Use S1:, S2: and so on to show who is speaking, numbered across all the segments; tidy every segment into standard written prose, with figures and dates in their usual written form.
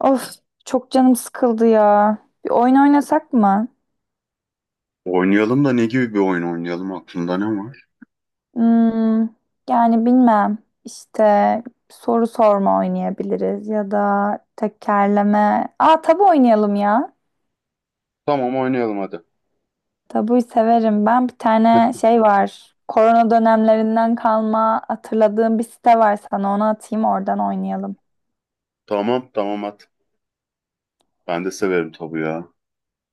S1: Of, çok canım sıkıldı ya. Bir oyun oynasak mı?
S2: Oynayalım da ne gibi bir oyun oynayalım? Aklında ne var?
S1: Hmm, yani bilmem. İşte soru sorma oynayabiliriz ya da tekerleme. Aa, tabu oynayalım ya.
S2: Tamam, oynayalım hadi.
S1: Tabuyu severim. Ben bir tane
S2: Heh,
S1: şey var. Korona dönemlerinden kalma hatırladığım bir site var sana. Onu atayım oradan oynayalım.
S2: tamam tamam, at. Ben de severim tabu ya.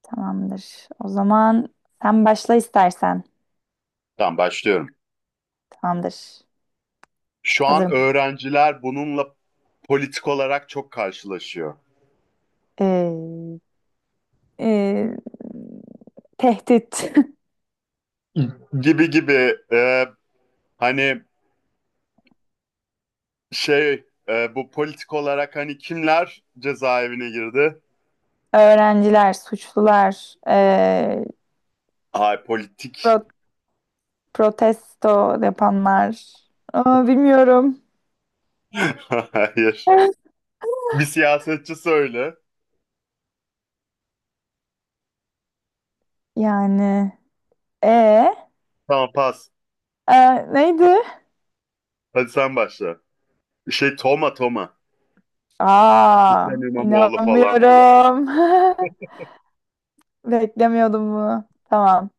S1: Tamamdır. O zaman sen başla istersen.
S2: Tamam, başlıyorum.
S1: Tamamdır.
S2: Şu an
S1: Hazırım.
S2: öğrenciler bununla politik olarak çok karşılaşıyor.
S1: Ee, ee, Tehdit.
S2: Gibi gibi hani bu politik olarak hani kimler cezaevine girdi?
S1: Öğrenciler, suçlular,
S2: Ay politik.
S1: pro- protesto yapanlar. Aa, bilmiyorum.
S2: Hayır. Bir siyasetçi söyle.
S1: Yani. E,
S2: Tamam, pas.
S1: Neydi?
S2: Hadi sen başla. Şey Toma Toma.
S1: Aa,
S2: Hüseyin İmamoğlu falan.
S1: inanmıyorum. Beklemiyordum bunu. Tamam.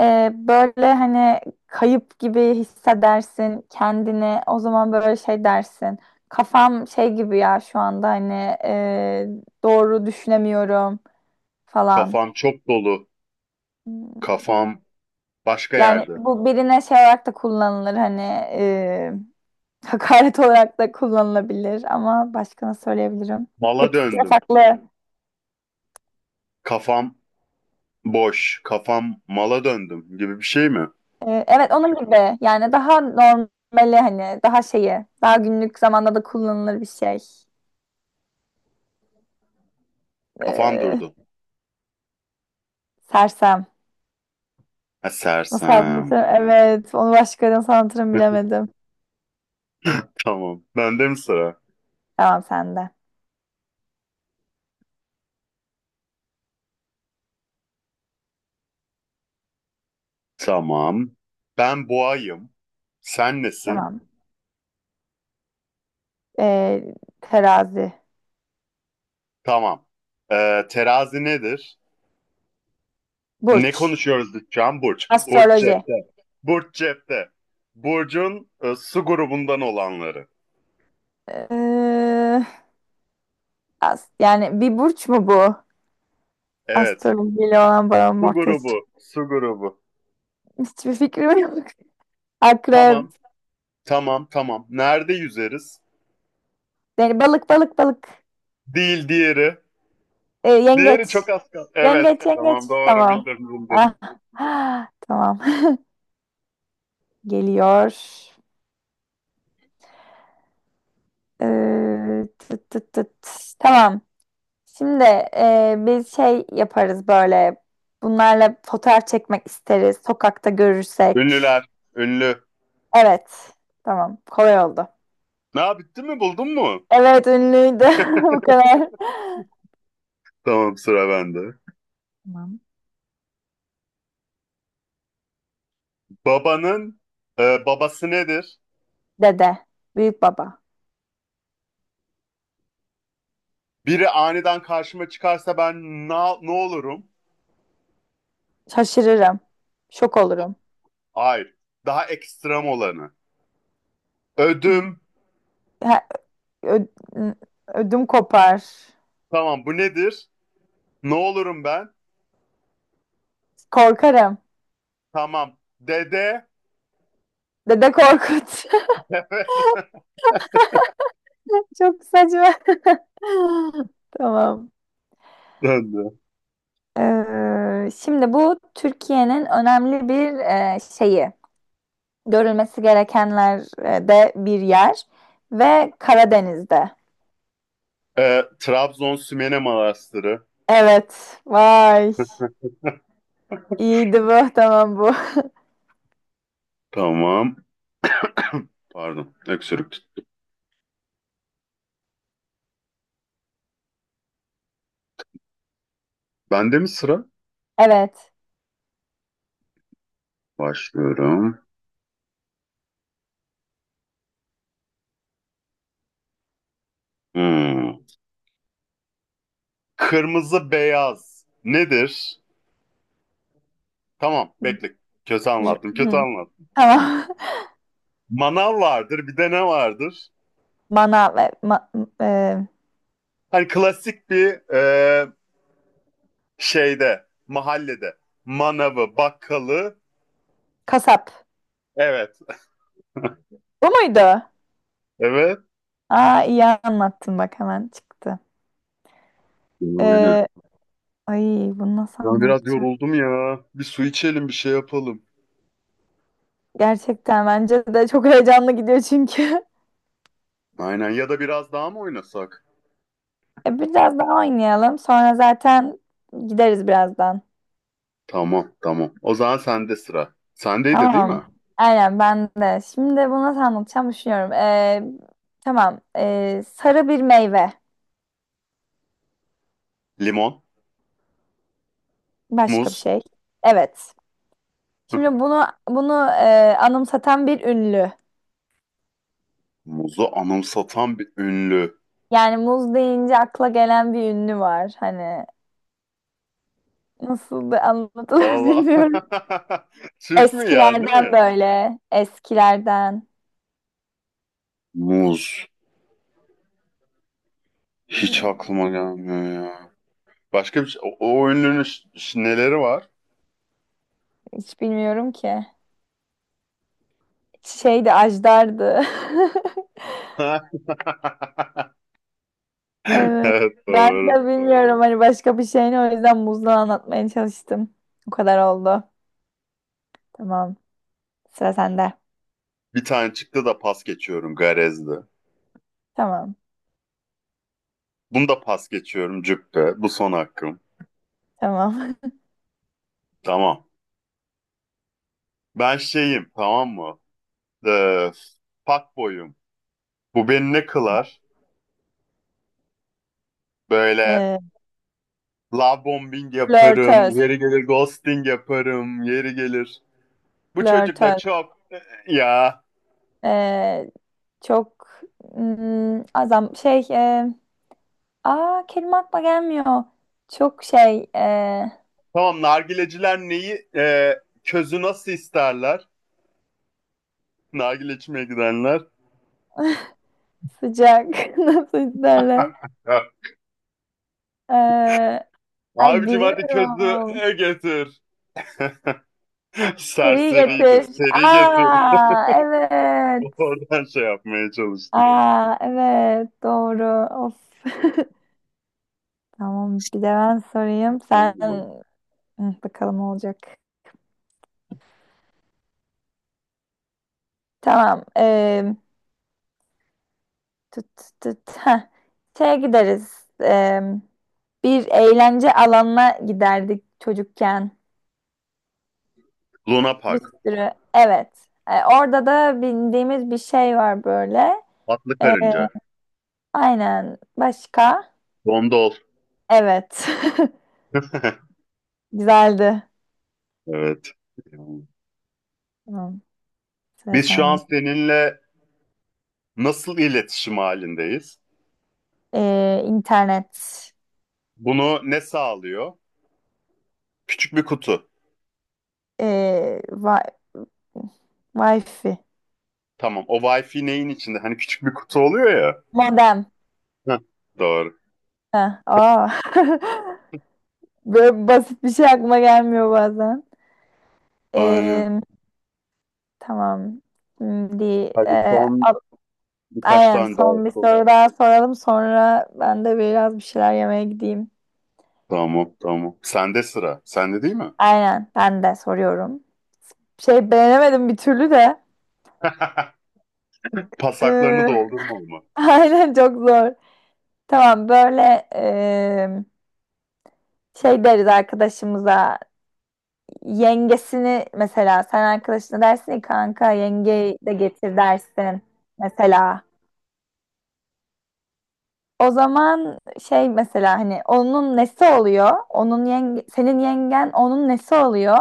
S1: E, böyle hani kayıp gibi hissedersin kendini. O zaman böyle şey dersin. Kafam şey gibi ya şu anda hani e, doğru düşünemiyorum falan.
S2: Kafam çok dolu.
S1: Hmm.
S2: Kafam başka
S1: Yani
S2: yerde.
S1: bu birine şey olarak da kullanılır hani e, hakaret olarak da kullanılabilir ama başka nasıl söyleyebilirim?
S2: Mala
S1: Hepsi
S2: döndüm.
S1: farklı.
S2: Kafam boş. Kafam mala döndüm gibi bir şey mi?
S1: E, evet onun gibi yani daha normali hani daha şeyi daha günlük zamanda da kullanılır bir şey.
S2: Kafam
S1: E,
S2: durdu.
S1: sersem.
S2: Ha,
S1: Nasıl
S2: sersem.
S1: anlatırım? Evet onu başka nasıl anlatırım bilemedim.
S2: Tamam. Bende mi sıra?
S1: Tamam sende.
S2: Tamam. Ben boğayım. Sen nesin?
S1: Tamam. E, terazi.
S2: Tamam. Terazi nedir? Ne
S1: Burç.
S2: konuşuyoruz Can? Burç. Burç
S1: Astroloji.
S2: cepte. Burç cepte. Burcun su grubundan olanları.
S1: E, yani bir burç mu bu?
S2: Evet.
S1: Astrolojiyle olan bağım
S2: Su
S1: ortaya
S2: grubu.
S1: çıktı.
S2: Su grubu.
S1: Hiçbir fikrim yok. Akrep.
S2: Tamam. Tamam tamam. Nerede yüzeriz?
S1: Yani balık balık balık.
S2: Değil diğeri. Diğeri
S1: Yengeç.
S2: çok az kaldı. Evet.
S1: Yengeç yengeç.
S2: Tamam, doğru
S1: Tamam.
S2: bildim bildim.
S1: Ah. Ah, tamam. Geliyor. Tıt tıt tıt. Tamam. Şimdi biz şey yaparız böyle. Bunlarla fotoğraf çekmek isteriz. Sokakta görürsek.
S2: Ünlüler. Ünlü.
S1: Evet. Tamam. Kolay oldu.
S2: Ne yap- bitti mi, buldun mu?
S1: Evet, ünlüydü. Bu kadar.
S2: Tamam, sıra bende.
S1: Tamam.
S2: Babanın babası nedir?
S1: Dede. Büyük baba.
S2: Biri aniden karşıma çıkarsa ben na-, ne olurum?
S1: Şaşırırım. Şok olurum.
S2: Hayır. Daha ekstrem olanı. Ödüm.
S1: Ha, ö- ödüm kopar.
S2: Tamam, bu nedir? Ne olurum ben?
S1: Korkarım.
S2: Tamam. Dede.
S1: Dede Korkut. Çok saçma. Tamam.
S2: Döndü.
S1: Şimdi bu Türkiye'nin önemli bir şeyi. Görülmesi gerekenlerde bir yer ve Karadeniz'de.
S2: E, Trabzon Sümele Manastırı.
S1: Evet. Vay. İyiydi bu. Tamam bu.
S2: Tamam. Pardon, öksürük. Tut- bende mi sıra?
S1: Evet.
S2: Başlıyorum. Hmm. Kırmızı beyaz nedir? Tamam, bekle. Kötü
S1: Hı,
S2: anlattım, kötü anlattım. Hı.
S1: tamam.
S2: Manav vardır, bir de ne vardır?
S1: Manav, e,
S2: Hani klasik bir şeyde, mahallede. Manavı, bakkalı.
S1: kasap.
S2: Evet,
S1: Bu muydu?
S2: evet.
S1: Aa, iyi anlattın bak hemen çıktı.
S2: Yani.
S1: Ee, ay, bunu nasıl
S2: Ben biraz
S1: anlatacağım?
S2: yoruldum ya. Bir su içelim, bir şey yapalım.
S1: Gerçekten bence de çok heyecanlı gidiyor çünkü.
S2: Aynen, ya da biraz daha mı oynasak?
S1: E, biraz daha oynayalım. Sonra zaten gideriz birazdan.
S2: Tamam, tamam. O zaman sende sıra. Sendeydi değil mi?
S1: Tamam. Aynen ben de. Şimdi bunu nasıl anlatacağım düşünüyorum. Tamam. Sarı bir meyve.
S2: Limon,
S1: Başka bir
S2: muz.
S1: şey. Evet. Şimdi bunu anımsatan bir ünlü.
S2: Muzu anımsatan bir ünlü.
S1: Yani muz deyince akla gelen bir ünlü var. Hani nasıl da anlatılır
S2: Valla.
S1: bilmiyorum.
S2: Türk mü, yerli
S1: Eskilerden
S2: mi?
S1: böyle. Eskilerden.
S2: Muz. Hiç
S1: Hmm.
S2: aklıma gelmiyor ya. Başka bir şey. O, o ünlünün ş- ş- neleri var?
S1: Hiç bilmiyorum ki. Şeydi, Ajdar'dı. Evet.
S2: Evet,
S1: Ben de
S2: doğru.
S1: bilmiyorum hani başka bir şeyini, o yüzden muzla anlatmaya çalıştım. O kadar oldu. Tamam. Sıra sende.
S2: Bir tane çıktı da pas geçiyorum Garez'de.
S1: Tamam.
S2: Bunu da pas geçiyorum Cübbe. Bu son hakkım.
S1: Tamam.
S2: Tamam. Ben şeyim, tamam mı? Ee, Fuckboy'um. Bu beni ne kılar? Böyle
S1: Ee,
S2: love bombing yaparım.
S1: flörtöz.
S2: Yeri gelir ghosting yaparım. Yeri gelir. Bu çocuk da
S1: Flörtöz.
S2: çok ya.
S1: Ee, çok hmm, azam şey e, Aa, kelime aklıma gelmiyor. Çok şey
S2: Tamam, nargileciler neyi közü nasıl isterler? Nargile içmeye gidenler.
S1: sıcak. Nasıl isterler?
S2: Ha.
S1: Ee, Ay,
S2: Abicim hadi közü
S1: biliyorum.
S2: getir.
S1: Seri
S2: Serseriydi.
S1: getir.
S2: Seri
S1: Akşam.
S2: getir.
S1: Aa, evet.
S2: Oradan şey yapmaya çalıştım.
S1: Aa, evet doğru. Of. Tamam, bir de ben sorayım. Sen. Hı, bakalım olacak. Tamam. Tut tut tut. Heh. Şeye gideriz. Bir eğlence alanına giderdik çocukken.
S2: Luna
S1: Bir
S2: Park.
S1: sürü. Evet. Orada da bindiğimiz bir şey var böyle.
S2: Atlı Karınca.
S1: Aynen. Başka?
S2: Dondol.
S1: Evet. Güzeldi.
S2: Evet.
S1: Tamam. Sıra
S2: Biz şu an
S1: sende.
S2: seninle nasıl iletişim halindeyiz?
S1: İnternet.
S2: Bunu ne sağlıyor? Küçük bir kutu.
S1: Wi Wi-Fi.
S2: Tamam. O Wi-Fi neyin içinde? Hani küçük bir kutu oluyor ya.
S1: Modem.
S2: Heh, doğru.
S1: Ha, aa. Böyle basit bir şey aklıma gelmiyor bazen.
S2: Aynen.
S1: Ee, tamam. Şimdi ee,
S2: Hadi son
S1: a-
S2: birkaç
S1: aynen
S2: tane daha
S1: son bir
S2: yapalım.
S1: soru daha soralım. Sonra ben de biraz bir şeyler yemeye gideyim.
S2: Tamam, tamam. Sende sıra. Sende değil mi?
S1: Aynen. Ben de soruyorum. Şey beğenemedim bir türlü de.
S2: Pasaklarını doldurma ama.
S1: Aynen çok zor. Tamam, böyle şey deriz arkadaşımıza, yengesini mesela sen arkadaşına dersin ya, kanka yengeyi de getir dersin mesela. O zaman şey mesela hani onun nesi oluyor? Onun yenge, senin yengen onun nesi oluyor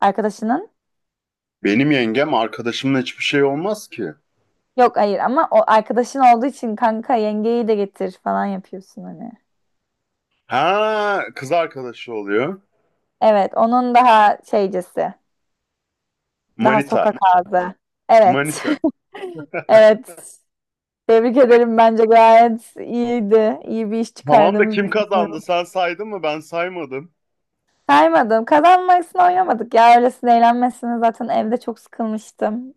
S1: arkadaşının?
S2: Benim yengem arkadaşımla hiçbir şey olmaz ki.
S1: Yok hayır ama o arkadaşın olduğu için kanka yengeyi de getir falan yapıyorsun hani.
S2: Ha, kız arkadaşı oluyor.
S1: Evet, onun daha şeycesi. Daha
S2: Manita.
S1: sokak ağzı. Evet.
S2: Manita.
S1: Evet. Tebrik ederim. Bence gayet iyiydi. İyi bir iş
S2: Tamam da
S1: çıkardığımızı
S2: kim kazandı?
S1: düşünüyorum.
S2: Sen saydın mı? Ben saymadım.
S1: Saymadım. Kazanmasını oynamadık ya. Öylesine eğlenmesine zaten evde çok sıkılmıştım.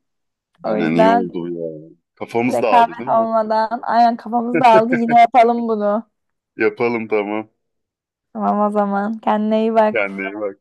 S1: O
S2: Aynen, iyi
S1: yüzden
S2: oldu ya. Kafamız dağıldı
S1: rekabet
S2: değil mi?
S1: olmadan aynen kafamız dağıldı. Yine yapalım bunu.
S2: Yapalım, tamam.
S1: Tamam o zaman. Kendine iyi bak.
S2: Kendine iyi bak.